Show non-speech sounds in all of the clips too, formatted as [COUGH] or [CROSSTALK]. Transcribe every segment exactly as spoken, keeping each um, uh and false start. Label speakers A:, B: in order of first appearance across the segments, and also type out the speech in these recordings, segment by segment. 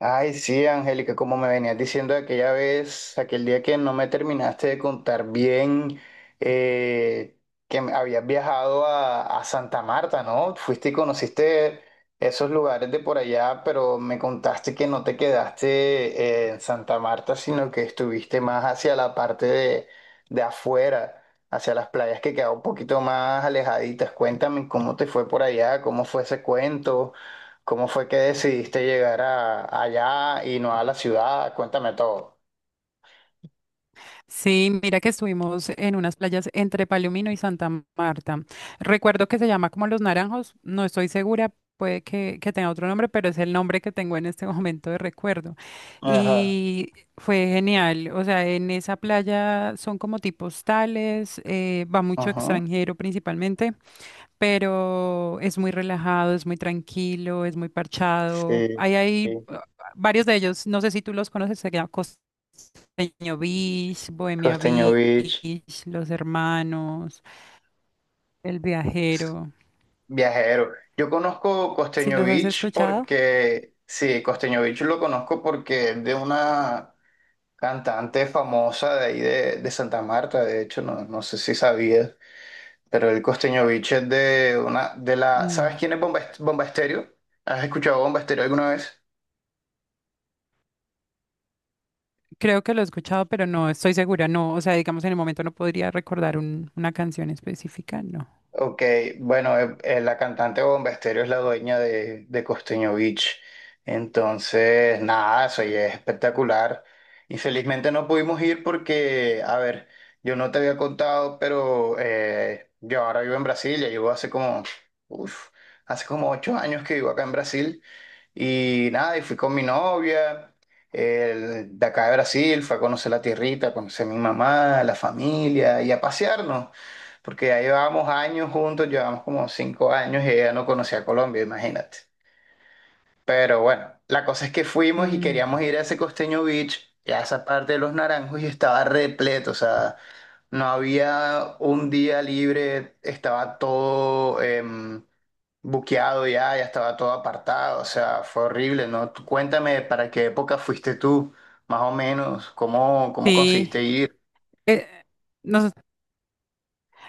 A: Ay, sí, Angélica, como me venías diciendo aquella vez, aquel día que no me terminaste de contar bien eh, que me- habías viajado a, a Santa Marta, ¿no? Fuiste y conociste esos lugares de por allá, pero me contaste que no te quedaste eh, en Santa Marta, sino que estuviste más hacia la parte de, de afuera, hacia las playas que quedaban un poquito más alejaditas. Cuéntame cómo te fue por allá, cómo fue ese cuento. ¿Cómo fue que decidiste llegar a, allá y no a la ciudad? Cuéntame todo.
B: Sí, mira que estuvimos en unas playas entre Palomino y Santa Marta. Recuerdo que se llama como Los Naranjos, no estoy segura, puede que, que tenga otro nombre, pero es el nombre que tengo en este [LAUGHS] momento de recuerdo.
A: Ajá.
B: Y fue genial, o sea, en esa playa son como tipos tales, eh, va mucho
A: Ajá.
B: extranjero principalmente, pero es muy relajado, es muy tranquilo, es muy parchado.
A: Sí,
B: Ahí hay
A: sí.
B: eh, varios de ellos, no sé si tú los conoces, se llama Peño Beach, Bohemia
A: Costeño
B: Beach,
A: Beach,
B: Los Hermanos, El Viajero.
A: viajero. Yo conozco
B: ¿Sí
A: Costeño
B: los has
A: Beach
B: escuchado?
A: porque, sí, Costeño Beach lo conozco porque es de una cantante famosa de ahí de, de Santa Marta, de hecho, no, no sé si sabías, pero el Costeño Beach es de una, de la, ¿sabes
B: No,
A: quién es Bomba, Est- Bomba Estéreo? ¿Has escuchado Bomba Estéreo alguna vez?
B: creo que lo he escuchado, pero no estoy segura, no, o sea, digamos en el momento no podría recordar un- una canción específica, no.
A: Ok, bueno, eh, eh, la cantante Bomba Estéreo es la dueña de, de Costeño Beach. Entonces, nada, eso ya es espectacular. Infelizmente no pudimos ir porque, a ver, yo no te había contado, pero eh, yo ahora vivo en Brasil, ya llevo hace como, uf, hace como ocho años que vivo acá en Brasil. Y nada, y fui con mi novia, el- de acá de Brasil, fue a conocer la tierrita, a conocer a mi mamá, la familia y a pasearnos, porque ya llevábamos años juntos, llevábamos como cinco años y ella no conocía Colombia, imagínate. Pero bueno, la cosa es que fuimos y queríamos
B: Mm,
A: ir a ese Costeño Beach, y a esa parte de los Naranjos y estaba repleto, o sea, no había un día libre, estaba todo... em, buqueado ya, ya estaba todo apartado, o sea, fue horrible, ¿no? Tú cuéntame para qué época fuiste tú, más o menos, cómo, cómo
B: sí,
A: conseguiste ir.
B: eh, nos-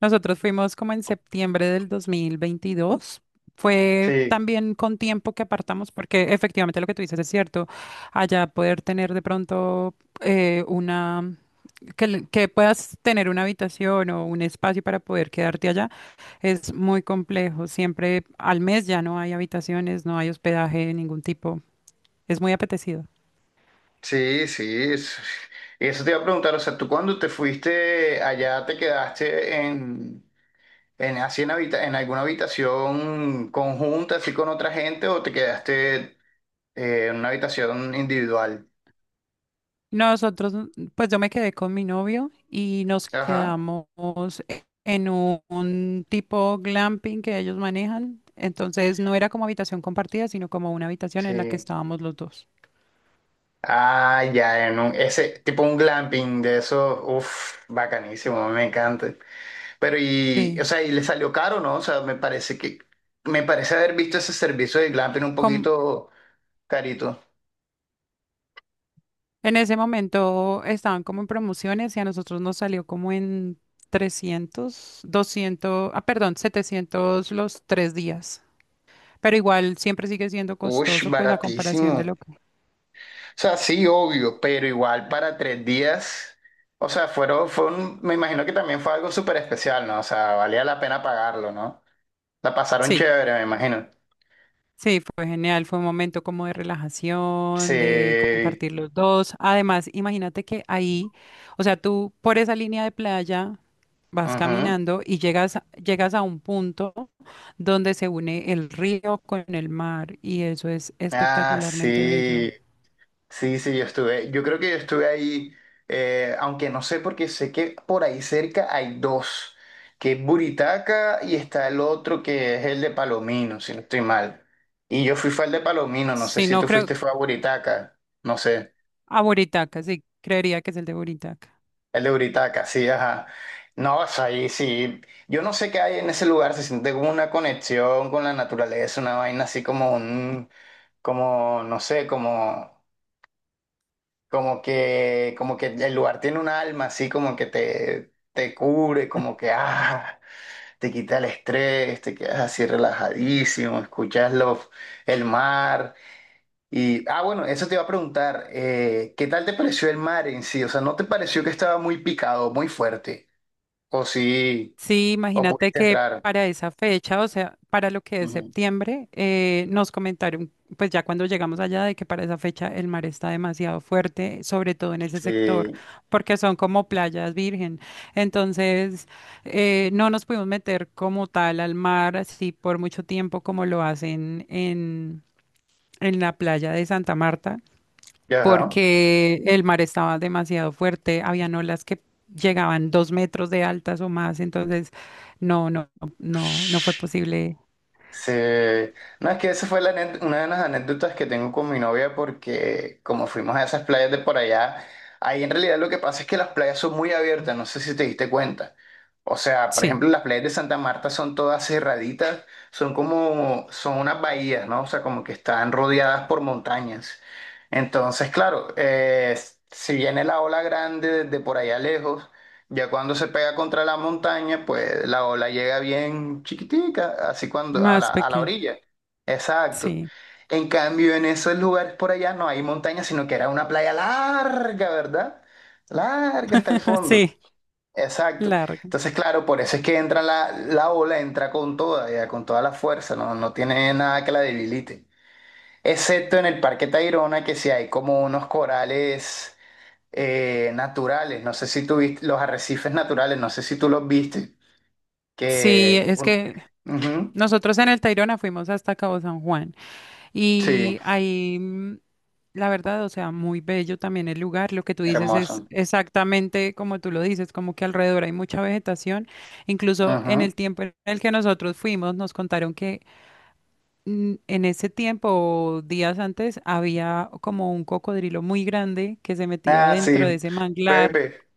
B: nosotros fuimos como en septiembre del dos mil veintidós. Fue
A: Sí,
B: también con tiempo que apartamos, porque efectivamente lo que tú dices es cierto. Allá poder tener de pronto eh, una que, l- que puedas tener una habitación o un espacio para poder quedarte allá es muy complejo. Siempre al mes ya no hay habitaciones, no hay hospedaje de ningún tipo. Es muy apetecido.
A: sí, sí. es- Y eso te iba a preguntar, o sea, tú cuando te fuiste allá te quedaste en, en, así en, habita- en alguna habitación conjunta, así con otra gente, o te quedaste eh, en una habitación individual.
B: Nosotros, mm, pues yo me quedé con mi novio y nos
A: Ajá.
B: quedamos e- en un, un tipo glamping que ellos manejan. Entonces no era como habitación compartida, sino como una habitación en la que
A: Sí.
B: estábamos los dos.
A: Ah, ya, en un- ese tipo un glamping de esos, uff, bacanísimo, me encanta. Pero y, o
B: Sí.
A: sea, y le salió caro, ¿no? O sea, me parece que, me parece haber visto ese servicio de glamping un poquito carito.
B: En ese momento estaban como en promociones y a nosotros nos salió como en trescientos doscientos ah, perdón, setecientos los tres días. Pero igual siempre sigue siendo
A: Ush,
B: costoso, pues a comparación
A: baratísimo.
B: de lo
A: O
B: que...
A: sea, sí, obvio, pero igual para tres días, o sea, fueron, fue un- me imagino que también fue algo súper especial, ¿no? O sea, valía la pena pagarlo, ¿no? La pasaron
B: Sí,
A: chévere, me imagino.
B: sí, fue genial, fue un momento como de relajación, de
A: Sí.
B: compartir los dos. Además, imagínate que ahí, o sea, tú por esa línea de playa vas
A: Ujú.
B: caminando y llegas, llegas a un punto donde se une el río con el mar y eso es
A: Ah,
B: espectacularmente bello.
A: sí. Sí, sí, yo estuve, yo creo que yo estuve ahí, eh, aunque no sé porque sé que por ahí cerca hay dos, que es Buritaca y está el otro que es el de Palomino, si no estoy mal. Y yo fui fue al de Palomino, no sé
B: Si
A: si
B: no
A: tú
B: creo,
A: fuiste fue a Buritaca, no sé,
B: a Buritaca, sí, creería que es el de Buritaca.
A: el de Buritaca, sí, ajá. No, o sea, ahí sí, yo no sé qué hay en ese lugar, se siente como una conexión con la naturaleza, una vaina así como un, como, no sé, como... Como que, como que el lugar tiene un alma, así como que te, te cubre, como que ah, te quita el estrés, te quedas así relajadísimo, escuchas los, el mar. Y, ah, bueno, eso te iba a preguntar, eh, ¿qué tal te pareció el mar en sí? O sea, ¿no te pareció que estaba muy picado, muy fuerte? O sí,
B: Sí,
A: o
B: imagínate
A: pudiste
B: que
A: entrar.
B: para esa fecha, o sea, para lo que es
A: Ujú.
B: septiembre, eh, nos comentaron, pues ya cuando llegamos allá, de que para esa fecha el mar está demasiado fuerte, sobre todo en ese sector,
A: Sí,
B: porque son como playas virgen. Entonces, eh, no nos pudimos meter como tal al mar así por mucho tiempo como lo hacen en, en la playa de Santa Marta
A: ajá.
B: porque el mar estaba demasiado fuerte, habían olas que llegaban dos metros de altas o más, entonces no, no, no, no fue posible.
A: Sí, no, es que esa fue la ane- una de las anécdotas que tengo con mi novia porque como fuimos a esas playas de por allá, ahí en realidad lo que pasa es que las playas son muy abiertas, no sé si te diste cuenta. O sea, por
B: Sí,
A: ejemplo, las playas de Santa Marta son todas cerraditas, son como, son unas bahías, ¿no? O sea, como que están rodeadas por montañas. Entonces, claro, eh, si viene la ola grande desde por allá lejos, ya cuando se pega contra la montaña, pues la ola llega bien chiquitica, así cuando a la,
B: más
A: a la
B: pequeña,
A: orilla. Exacto.
B: sí,
A: En cambio, en esos lugares por allá no hay montaña, sino que era una playa larga, ¿verdad? Larga hasta el
B: [LAUGHS]
A: fondo.
B: sí,
A: Exacto.
B: larga.
A: Entonces, claro, por eso es que entra la, la ola, entra con toda, ya, con toda la fuerza, no, no tiene nada que la debilite. Excepto en el Parque Tayrona, que sí hay como unos corales eh, naturales, no sé si tú viste, los arrecifes naturales, no sé si tú los viste,
B: Sí,
A: que...
B: es
A: un-
B: que
A: Ujú,
B: nosotros en el Tayrona fuimos hasta Cabo San Juan
A: sí,
B: y ahí mm, la verdad, o sea, muy bello también el lugar. Lo que tú dices es
A: hermoso.
B: exactamente como tú lo dices, como que alrededor hay mucha vegetación. Incluso en
A: Ujú.
B: el tiempo en el que nosotros fuimos, nos contaron que mm, en ese tiempo, o días antes, había como un cocodrilo muy grande que se metía
A: Ah,
B: dentro de
A: sí,
B: ese manglar.
A: Pepe,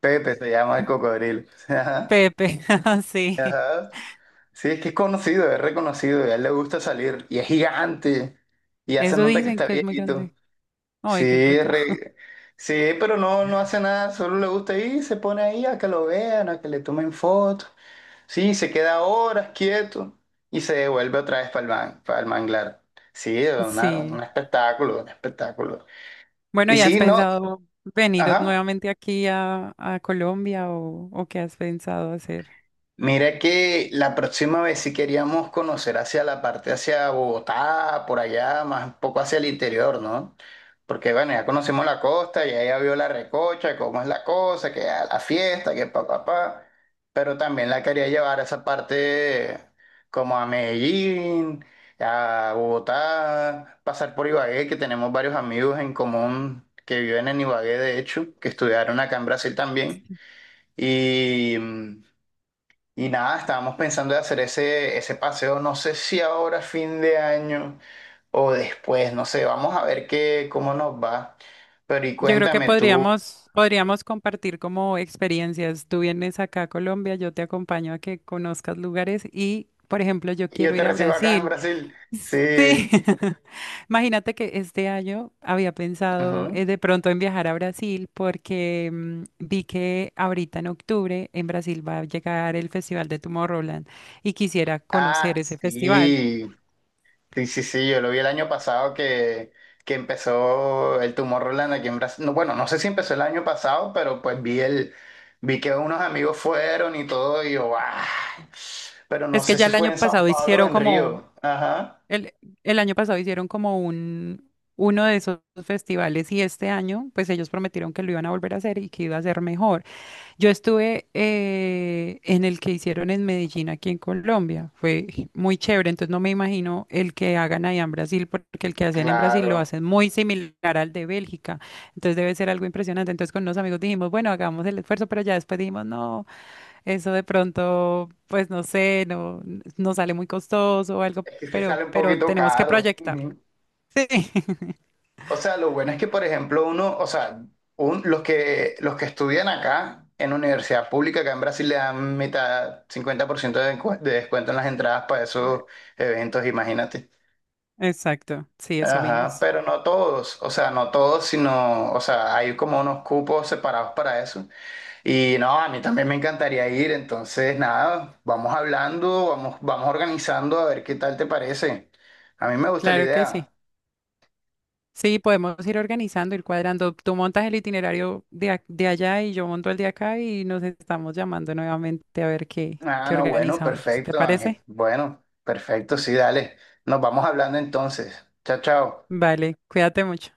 A: Pepe se llama el cocodrilo. [LAUGHS] Ajá,
B: Pepe, [LAUGHS] sí.
A: ajá. Sí, es que es conocido, es reconocido, y a él le gusta salir, y es gigante, y hace
B: Eso
A: nota que
B: dicen
A: está
B: que es muy
A: viejito.
B: grande.
A: Sí,
B: Ay, qué
A: es
B: pecado. [LAUGHS]
A: re- sí, pero no, no hace nada, solo le gusta ir, se pone ahí a que lo vean, a que le tomen fotos. Sí, se queda horas quieto y se devuelve otra vez para el, man- para el manglar. Sí, una-
B: Sí.
A: un espectáculo, un espectáculo.
B: Bueno,
A: Y
B: ¿y has
A: sí, no,
B: pensado venir
A: ajá.
B: nuevamente aquí a, a Colombia o, o qué has pensado hacer?
A: Mira que la próxima vez si queríamos conocer hacia la parte hacia Bogotá, por allá, más un poco hacia el interior, ¿no? Porque bueno, ya conocemos la costa, ya ella vio la recocha, cómo es la cosa, que a la fiesta, que pa, pa, pa. Pero también la quería llevar a esa parte como a Medellín, a Bogotá, pasar por Ibagué, que tenemos varios amigos en común que viven en Ibagué, de hecho, que estudiaron acá en Brasil también. Y... mm, y nada, estábamos pensando de hacer ese, ese paseo, no sé si ahora fin de año o después, no sé, vamos a ver qué, cómo nos va. Pero y
B: Yo creo que
A: cuéntame tú,
B: podríamos, podríamos compartir como experiencias. Tú vienes acá a Colombia, yo te acompaño a que conozcas lugares y, por ejemplo, yo
A: yo
B: quiero
A: te
B: ir a
A: recibo acá en
B: Brasil.
A: Brasil.
B: Sí.
A: Sí.
B: [LAUGHS] Imagínate que este año había pensado
A: Ujú.
B: eh, de pronto en viajar a Brasil porque mm, vi que ahorita en octubre en Brasil va a llegar el Festival de Tomorrowland y quisiera
A: Ah,
B: conocer ese festival.
A: sí. Sí, sí, sí, yo lo vi el año pasado que, que empezó el tumor Roland aquí en Brasil. No, bueno, no sé si empezó el año pasado, pero pues vi el, vi que unos amigos fueron y todo, y yo, ¡ah! Pero no
B: Es que
A: sé
B: ya
A: si
B: el
A: fue
B: año
A: en Sao
B: pasado
A: Paulo o
B: hicieron
A: en
B: como
A: Río. Ajá,
B: El, el año pasado hicieron como un, uno de esos festivales y este año, pues ellos prometieron que lo iban a volver a hacer y que iba a ser mejor. Yo estuve eh, en el que hicieron en Medellín, aquí en Colombia. Fue muy chévere, entonces no me imagino el que hagan allá en Brasil, porque el que hacen en Brasil lo
A: claro.
B: hacen muy similar al de Bélgica. Entonces debe ser algo impresionante. Entonces con unos amigos dijimos, bueno, hagamos el esfuerzo, pero ya después dijimos, no. Eso de pronto, pues no sé, no, no sale muy costoso o algo,
A: Es que
B: pero,
A: sale un
B: pero
A: poquito
B: tenemos que
A: caro.
B: proyectarlo.
A: Ujú.
B: Sí,
A: O sea, lo bueno es que, por ejemplo, uno, o sea, un- los que, los que estudian acá en universidad pública, acá en Brasil le dan mitad, cincuenta por ciento de, encu- de descuento en las entradas para esos
B: [LAUGHS]
A: eventos, imagínate.
B: exacto. Sí, eso
A: Ajá,
B: vimos.
A: pero no todos, o sea, no todos, sino, o sea, hay como unos cupos separados para eso. Y no, a mí también me encantaría ir, entonces nada, vamos hablando, vamos, vamos organizando a ver qué tal te parece. A mí me gusta la
B: Claro que sí.
A: idea.
B: Sí, podemos ir organizando, ir cuadrando. Tú montas el itinerario de, ac- de allá y yo monto el de acá y nos estamos llamando nuevamente a ver qué,
A: Ah,
B: qué
A: no, bueno,
B: organizamos. ¿Te
A: perfecto, Ángel.
B: parece?
A: Bueno, perfecto, sí, dale. Nos vamos hablando entonces. Chao, chao.
B: Vale, cuídate mucho.